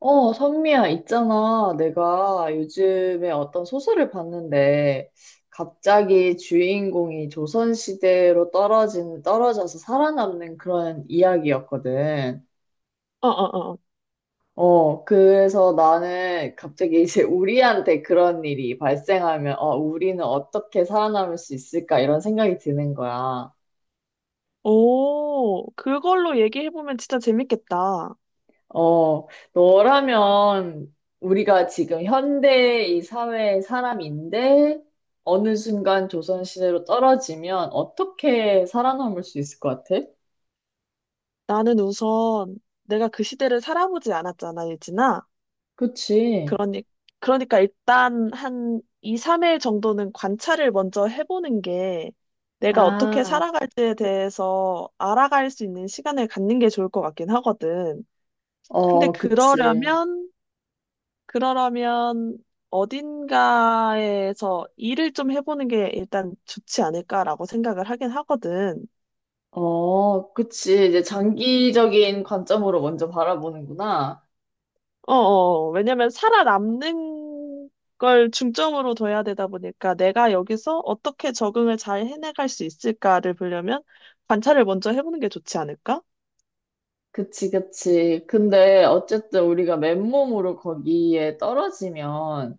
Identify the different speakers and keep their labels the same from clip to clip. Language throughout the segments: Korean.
Speaker 1: 선미야, 있잖아. 내가 요즘에 어떤 소설을 봤는데, 갑자기 주인공이 떨어져서 살아남는 그런 이야기였거든.
Speaker 2: 어, 어, 어.
Speaker 1: 그래서 나는 갑자기 이제 우리한테 그런 일이 발생하면, 우리는 어떻게 살아남을 수 있을까? 이런 생각이 드는 거야.
Speaker 2: 오, 그걸로 얘기해보면 진짜 재밌겠다.
Speaker 1: 어, 너라면 우리가 지금 현대 이 사회의 사람인데 어느 순간 조선시대로 떨어지면 어떻게 살아남을 수 있을 것 같아?
Speaker 2: 나는 우선 내가 그 시대를 살아보지 않았잖아, 예진아.
Speaker 1: 그치.
Speaker 2: 그러니, 그러니까 일단 한 2, 3일 정도는 관찰을 먼저 해보는 게 내가 어떻게
Speaker 1: 아,
Speaker 2: 살아갈지에 대해서 알아갈 수 있는 시간을 갖는 게 좋을 것 같긴 하거든. 근데
Speaker 1: 그치.
Speaker 2: 그러려면 어딘가에서 일을 좀 해보는 게 일단 좋지 않을까라고 생각을 하긴 하거든.
Speaker 1: 그치. 이제 장기적인 관점으로 먼저 바라보는구나.
Speaker 2: 왜냐면 살아남는 걸 중점으로 둬야 되다 보니까 내가 여기서 어떻게 적응을 잘 해내갈 수 있을까를 보려면 관찰을 먼저 해보는 게 좋지 않을까?
Speaker 1: 그치, 그치. 근데 어쨌든 우리가 맨몸으로 거기에 떨어지면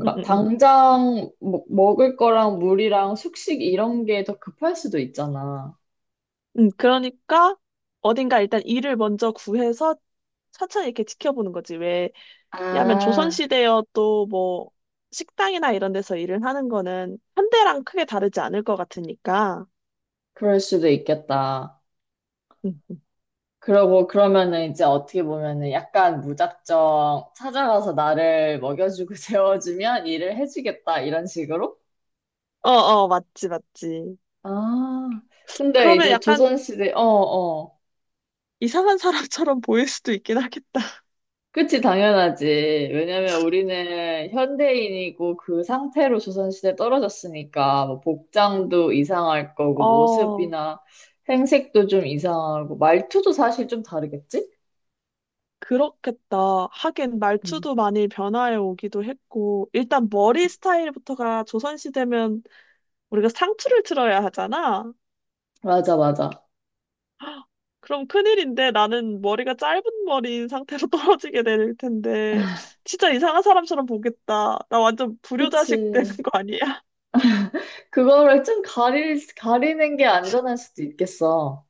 Speaker 2: 음, 음, 음.
Speaker 1: 당장 먹을 거랑 물이랑 숙식 이런 게 더 급할 수도 있잖아.
Speaker 2: 그러니까 어딘가 일단 일을 먼저 구해서 차차 이렇게 지켜보는 거지. 왜냐하면
Speaker 1: 아,
Speaker 2: 조선시대여도 뭐 식당이나 이런 데서 일을 하는 거는 현대랑 크게 다르지 않을 것 같으니까.
Speaker 1: 그럴 수도 있겠다.
Speaker 2: 음.
Speaker 1: 그러고 그러면은 이제 어떻게 보면은 약간 무작정 찾아가서 나를 먹여주고 재워주면 일을 해주겠다 이런 식으로?
Speaker 2: 어, 어, 맞지, 맞지.
Speaker 1: 아, 근데
Speaker 2: 그러면
Speaker 1: 이제
Speaker 2: 약간
Speaker 1: 조선시대, 어, 어.
Speaker 2: 이상한 사람처럼 보일 수도 있긴 하겠다.
Speaker 1: 그치, 당연하지. 왜냐면 우리는 현대인이고 그 상태로 조선시대에 떨어졌으니까 뭐 복장도 이상할 거고
Speaker 2: 어,
Speaker 1: 모습이나 행색도 좀 이상하고 말투도 사실 좀 다르겠지?
Speaker 2: 그렇겠다. 하긴
Speaker 1: 응.
Speaker 2: 말투도 많이 변화해 오기도 했고, 일단 머리 스타일부터가 조선시대면 우리가 상투를 틀어야 하잖아.
Speaker 1: 맞아, 맞아.
Speaker 2: 그럼 큰일인데 나는 머리가 짧은 머리인 상태로 떨어지게 될 텐데, 진짜 이상한 사람처럼 보겠다. 나 완전 불효자식 되는
Speaker 1: 그치.
Speaker 2: 거 아니야?
Speaker 1: 그거를 좀 가리는 게 안전할 수도 있겠어.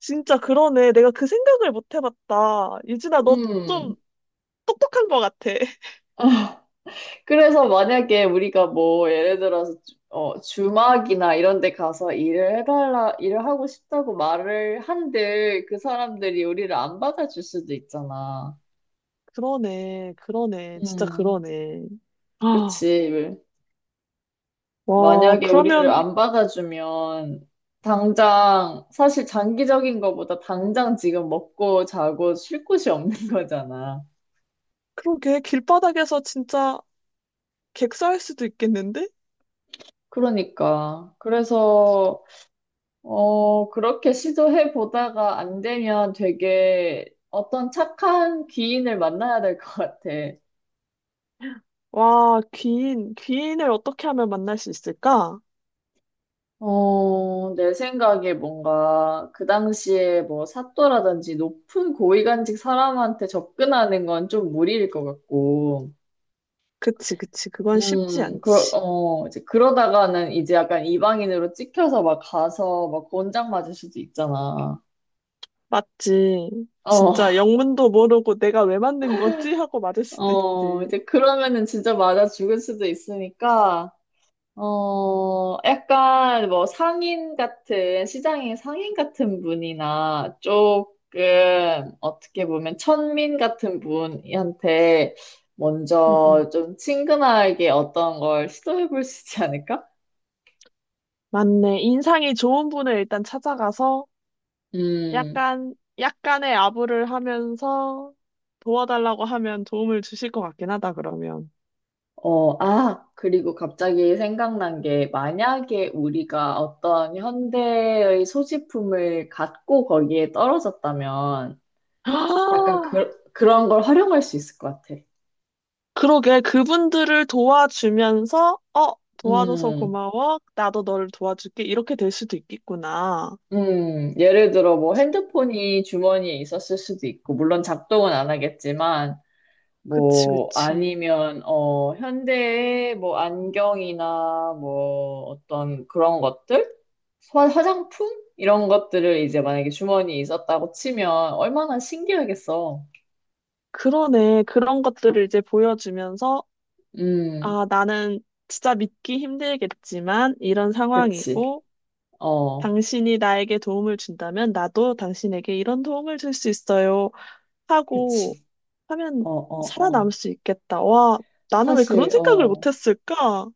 Speaker 2: 진짜 그러네. 내가 그 생각을 못 해봤다. 유진아, 너 좀
Speaker 1: 음.
Speaker 2: 똑똑한 거 같아.
Speaker 1: 그래서 만약에 우리가 뭐 예를 들어서 주막이나 이런 데 가서 일을 해달라, 일을 하고 싶다고 말을 한들 그 사람들이 우리를 안 받아줄 수도 있잖아.
Speaker 2: 그러네, 그러네, 진짜
Speaker 1: 음,
Speaker 2: 그러네. 아,
Speaker 1: 그치.
Speaker 2: 와,
Speaker 1: 만약에 우리를
Speaker 2: 그러면,
Speaker 1: 안 받아주면 당장 사실 장기적인 거보다 당장 지금 먹고 자고 쉴 곳이 없는 거잖아.
Speaker 2: 그러게, 길바닥에서 진짜 객사할 수도 있겠는데?
Speaker 1: 그러니까. 그래서 그렇게 시도해 보다가 안 되면 되게 어떤 착한 귀인을 만나야 될 것 같아.
Speaker 2: 와, 귀인, 귀인을 어떻게 하면 만날 수 있을까?
Speaker 1: 내 생각에 뭔가 그 당시에 뭐 사또라든지 높은 고위간직 사람한테 접근하는 건 좀 무리일 것 같고,
Speaker 2: 그치, 그치, 그건 쉽지 않지.
Speaker 1: 이제 그러다가는 이제 약간 이방인으로 찍혀서 막 가서 막 권장 맞을 수도 있잖아.
Speaker 2: 맞지.
Speaker 1: 어,
Speaker 2: 진짜 영문도 모르고 내가 왜 만든 거지? 하고 맞을 수도 있지.
Speaker 1: 이제 그러면은 진짜 맞아 죽을 수도 있으니까, 약간 뭐 상인 같은, 시장의 상인 같은 분이나 조금 어떻게 보면 천민 같은 분한테
Speaker 2: 응, 응.
Speaker 1: 먼저 좀 친근하게 어떤 걸 시도해 볼 수 있지 않을까?
Speaker 2: 맞네. 인상이 좋은 분을 일단 찾아가서
Speaker 1: 음,
Speaker 2: 약간, 약간의 아부를 하면서 도와달라고 하면 도움을 주실 것 같긴 하다, 그러면.
Speaker 1: 아, 그리고 갑자기 생각난 게 만약에 우리가 어떤 현대의 소지품을 갖고 거기에 떨어졌다면 약간 그런 걸 활용할 수 있을 것 같아.
Speaker 2: 그러게, 그분들을 도와주면서 어 도와줘서
Speaker 1: 음.
Speaker 2: 고마워, 나도 너를 도와줄게 이렇게 될 수도 있겠구나.
Speaker 1: 예를 들어 뭐 핸드폰이 주머니에 있었을 수도 있고, 물론 작동은 안 하겠지만,
Speaker 2: 그치,
Speaker 1: 뭐
Speaker 2: 그치.
Speaker 1: 아니면 어 현대의 뭐 안경이나 뭐 어떤 그런 것들, 화장품 이런 것들을 이제 만약에 주머니에 있었다고 치면 얼마나 신기하겠어.
Speaker 2: 그러네, 그런 것들을 이제 보여주면서
Speaker 1: 음,
Speaker 2: 아, 나는 진짜 믿기 힘들겠지만 이런
Speaker 1: 그치.
Speaker 2: 상황이고
Speaker 1: 어,
Speaker 2: 당신이 나에게 도움을 준다면 나도 당신에게 이런 도움을 줄 수 있어요 하고
Speaker 1: 그치.
Speaker 2: 하면
Speaker 1: 어, 어,
Speaker 2: 살아남을
Speaker 1: 어.
Speaker 2: 수 있겠다. 와, 나는 왜 그런
Speaker 1: 사실,
Speaker 2: 생각을
Speaker 1: 어.
Speaker 2: 못했을까.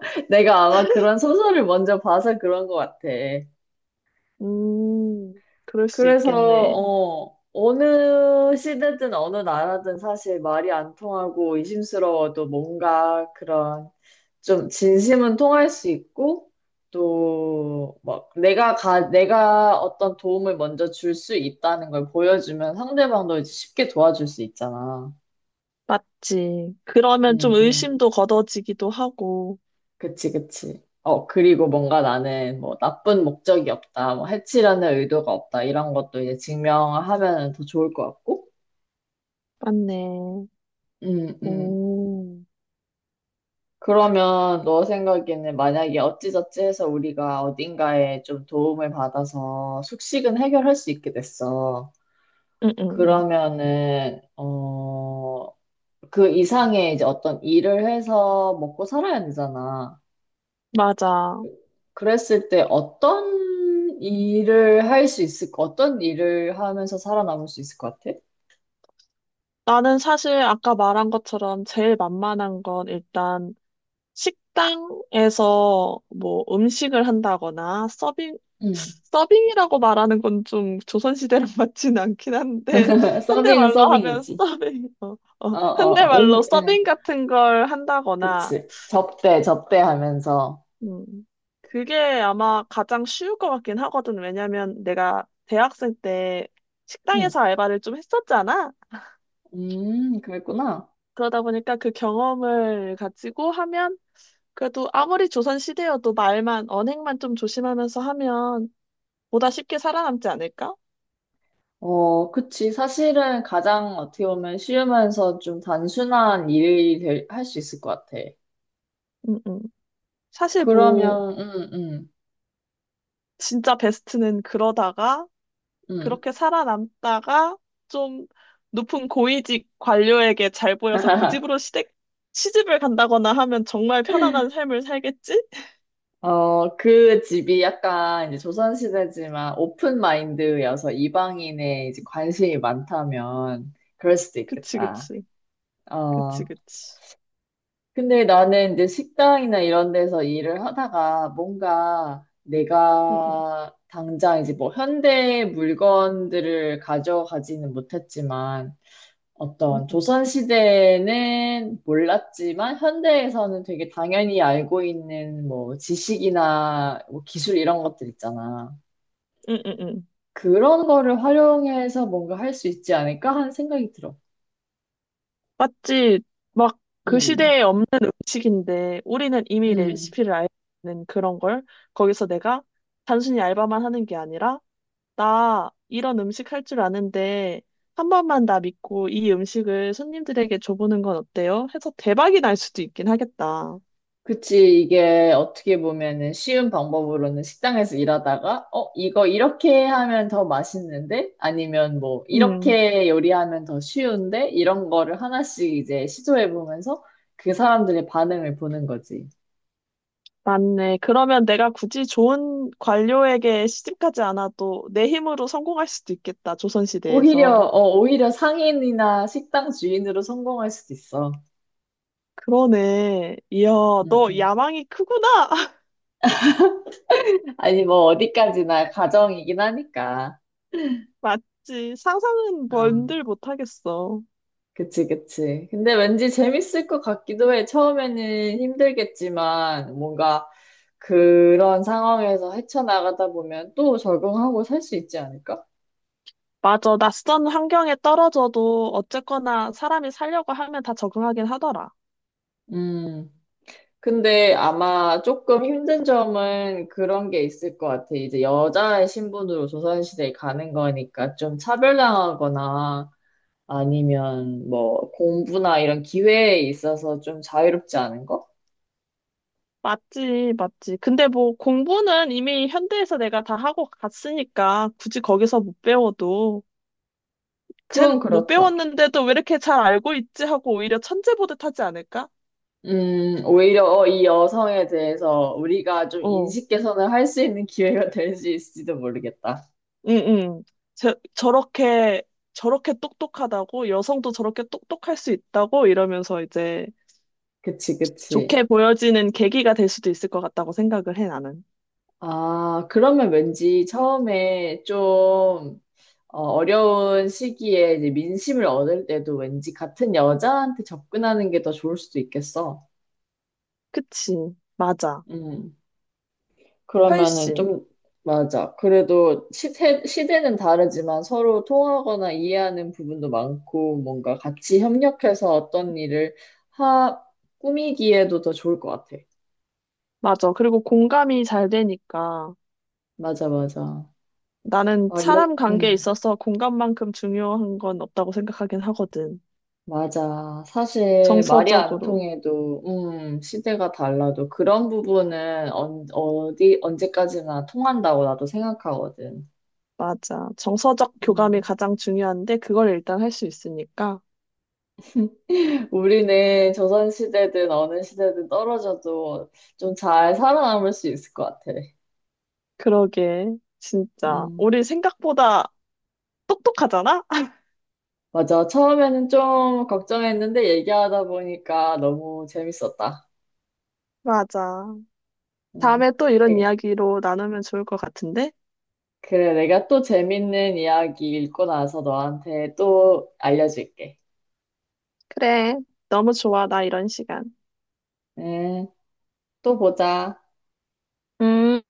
Speaker 1: 내가 아마 그런 소설을 먼저 봐서 그런 것 같아.
Speaker 2: 음, 그럴 수
Speaker 1: 그래서,
Speaker 2: 있겠네.
Speaker 1: 어느 시대든 어느 나라든 사실 말이 안 통하고 의심스러워도 뭔가 그런 좀 진심은 통할 수 있고 또 막 내가 어떤 도움을 먼저 줄 수 있다는 걸 보여주면 상대방도 이제 쉽게 도와줄 수 있잖아.
Speaker 2: 맞지. 그러면 좀
Speaker 1: 음, 음.
Speaker 2: 의심도 걷어지기도 하고.
Speaker 1: 그치, 그치. 어, 그리고 뭔가 나는 뭐 나쁜 목적이 없다, 뭐 해치려는 의도가 없다, 이런 것도 이제 증명하면 더 좋을 것 같고.
Speaker 2: 맞네.
Speaker 1: 음, 음.
Speaker 2: 오.
Speaker 1: 그러면 너 생각에는 만약에 어찌저찌 해서 우리가 어딘가에 좀 도움을 받아서 숙식은 해결할 수 있게 됐어.
Speaker 2: 응응응.
Speaker 1: 그러면은, 그 이상의 이제 어떤 일을 해서 먹고 살아야 되잖아.
Speaker 2: 맞아.
Speaker 1: 그랬을 때 어떤 일을 하면서 살아남을 수 있을 것 같아?
Speaker 2: 나는 사실 아까 말한 것처럼 제일 만만한 건 일단 식당에서 뭐 음식을 한다거나 서빙,
Speaker 1: 응.
Speaker 2: 서빙이라고 말하는 건 좀 조선시대랑 맞진 않긴 한데,
Speaker 1: 서빙은
Speaker 2: 현대말로 하면
Speaker 1: 서빙이지.
Speaker 2: 서빙, 어,
Speaker 1: 어,
Speaker 2: 어,
Speaker 1: 어, 응,
Speaker 2: 현대말로
Speaker 1: 응.
Speaker 2: 서빙 같은 걸 한다거나
Speaker 1: 그치. 접대하면서.
Speaker 2: 음. 그게 아마 가장 쉬울 것 같긴 하거든. 왜냐면 내가 대학생 때 식당에서 알바를 좀 했었잖아.
Speaker 1: 그랬구나.
Speaker 2: 그러다 보니까 그 경험을 가지고 하면 그래도 아무리 조선 시대여도 말만, 언행만 좀 조심하면서 하면 보다 쉽게 살아남지 않을까?
Speaker 1: 어, 그치. 사실은 가장 어떻게 보면 쉬우면서 좀 단순한 일이 할 수 있을 것 같아.
Speaker 2: 음, 음. 사실 뭐,
Speaker 1: 그러면,
Speaker 2: 진짜 베스트는 그러다가
Speaker 1: 음.
Speaker 2: 그렇게 살아남다가 좀 높은 고위직 관료에게 잘 보여서 그 집으로 시집을 간다거나 하면 정말 편안한 삶을 살겠지?
Speaker 1: 그 집이 약간 이제 조선시대지만 오픈 마인드여서 이방인의 이제 관심이 많다면 그럴 수도
Speaker 2: 그치,
Speaker 1: 있겠다.
Speaker 2: 그치. 그치,
Speaker 1: 어,
Speaker 2: 그치.
Speaker 1: 근데 나는 이제 식당이나 이런 데서 일을 하다가 뭔가
Speaker 2: 응, 응,
Speaker 1: 내가 당장 이제 뭐 현대 물건들을 가져가지는 못했지만 어떤
Speaker 2: 응,
Speaker 1: 조선시대에는 몰랐지만 현대에서는 되게 당연히 알고 있는 뭐 지식이나 뭐 기술 이런 것들 있잖아.
Speaker 2: 응, 응. 응.
Speaker 1: 그런 거를 활용해서 뭔가 할 수 있지 않을까 하는 생각이 들어.
Speaker 2: 맞지? 막 그
Speaker 1: 음,
Speaker 2: 시대에 없는 음식인데 우리는 이미
Speaker 1: 음.
Speaker 2: 레시피를 알는 그런 걸 거기서 내가 단순히 알바만 하는 게 아니라 나 이런 음식 할 줄 아는데 한 번만 나 믿고 이 음식을 손님들에게 줘보는 건 어때요? 해서 대박이 날 수도 있긴 하겠다.
Speaker 1: 그치, 이게 어떻게 보면은 쉬운 방법으로는 식당에서 일하다가, 어, 이거 이렇게 하면 더 맛있는데? 아니면 뭐,
Speaker 2: 음,
Speaker 1: 이렇게 요리하면 더 쉬운데? 이런 거를 하나씩 이제 시도해보면서 그 사람들의 반응을 보는 거지.
Speaker 2: 맞네. 그러면 내가 굳이 좋은 관료에게 시집가지 않아도 내 힘으로 성공할 수도 있겠다.
Speaker 1: 오히려,
Speaker 2: 조선시대에서.
Speaker 1: 어, 오히려 상인이나 식당 주인으로 성공할 수도 있어.
Speaker 2: 그러네. 이야,
Speaker 1: 음,
Speaker 2: 너
Speaker 1: 음.
Speaker 2: 야망이 크구나.
Speaker 1: 아니, 뭐, 어디까지나 가정이긴 하니까.
Speaker 2: 맞지. 상상은
Speaker 1: 어.
Speaker 2: 뭔들 못하겠어.
Speaker 1: 그치, 그치. 근데 왠지 재밌을 것 같기도 해. 처음에는 힘들겠지만, 뭔가 그런 상황에서 헤쳐나가다 보면 또 적응하고 살 수 있지 않을까?
Speaker 2: 맞아. 낯선 환경에 떨어져도 어쨌거나 사람이 살려고 하면 다 적응하긴 하더라.
Speaker 1: 음. 근데 아마 조금 힘든 점은 그런 게 있을 것 같아. 이제 여자의 신분으로 조선시대에 가는 거니까 좀 차별당하거나 아니면 뭐 공부나 이런 기회에 있어서 좀 자유롭지 않은 거?
Speaker 2: 맞지, 맞지. 근데 뭐 공부는 이미 현대에서 내가 다 하고 갔으니까 굳이 거기서 못 배워도
Speaker 1: 그건
Speaker 2: 쟨 못
Speaker 1: 그렇다.
Speaker 2: 배웠는데도 왜 이렇게 잘 알고 있지 하고 오히려 천재 보듯 하지 않을까?
Speaker 1: 이 여성에 대해서 우리가 좀
Speaker 2: 어,
Speaker 1: 인식 개선을 할 수 있는 기회가 될 수 있을지도 모르겠다.
Speaker 2: 응, 응. 저렇게 똑똑하다고 여성도 저렇게 똑똑할 수 있다고 이러면서 이제
Speaker 1: 그치, 그치.
Speaker 2: 좋게 보여지는 계기가 될 수도 있을 것 같다고 생각을 해 나는.
Speaker 1: 아, 그러면 왠지 처음에 좀 어려운 시기에 이제 민심을 얻을 때도 왠지 같은 여자한테 접근하는 게 더 좋을 수도 있겠어.
Speaker 2: 그치, 맞아.
Speaker 1: 음. 그러면은
Speaker 2: 훨씬
Speaker 1: 좀, 맞아. 그래도 시대는 다르지만 서로 통하거나 이해하는 부분도 많고, 뭔가 같이 협력해서 어떤 일을 하, 꾸미기에도 더 좋을 것 같아.
Speaker 2: 맞아. 그리고 공감이 잘 되니까.
Speaker 1: 맞아, 맞아.
Speaker 2: 나는
Speaker 1: 아, 이렇게,
Speaker 2: 사람 관계에 있어서 공간만큼 중요한 건 없다고 생각하긴 하거든.
Speaker 1: 맞아. 사실 말이 안
Speaker 2: 정서적으로.
Speaker 1: 통해도, 시대가 달라도 그런 부분은 언제까지나 통한다고 나도 생각하거든.
Speaker 2: 맞아. 정서적 교감이
Speaker 1: 음.
Speaker 2: 가장 중요한데 그걸 일단 할 수 있으니까.
Speaker 1: 우리는 조선시대든 어느 시대든 떨어져도 좀 잘 살아남을 수 있을 것 같아.
Speaker 2: 그러게. 진짜.
Speaker 1: 음,
Speaker 2: 우리 생각보다 똑똑하잖아?
Speaker 1: 맞아. 처음에는 좀 걱정했는데 얘기하다 보니까 너무 재밌었다.
Speaker 2: 맞아.
Speaker 1: 음,
Speaker 2: 다음에 또 이런
Speaker 1: 네.
Speaker 2: 이야기로 나누면 좋을 것 같은데?
Speaker 1: 그래, 내가 또 재밌는 이야기 읽고 나서 너한테 또 알려줄게.
Speaker 2: 그래. 너무 좋아. 나 이런 시간.
Speaker 1: 음, 또 보자.
Speaker 2: 음.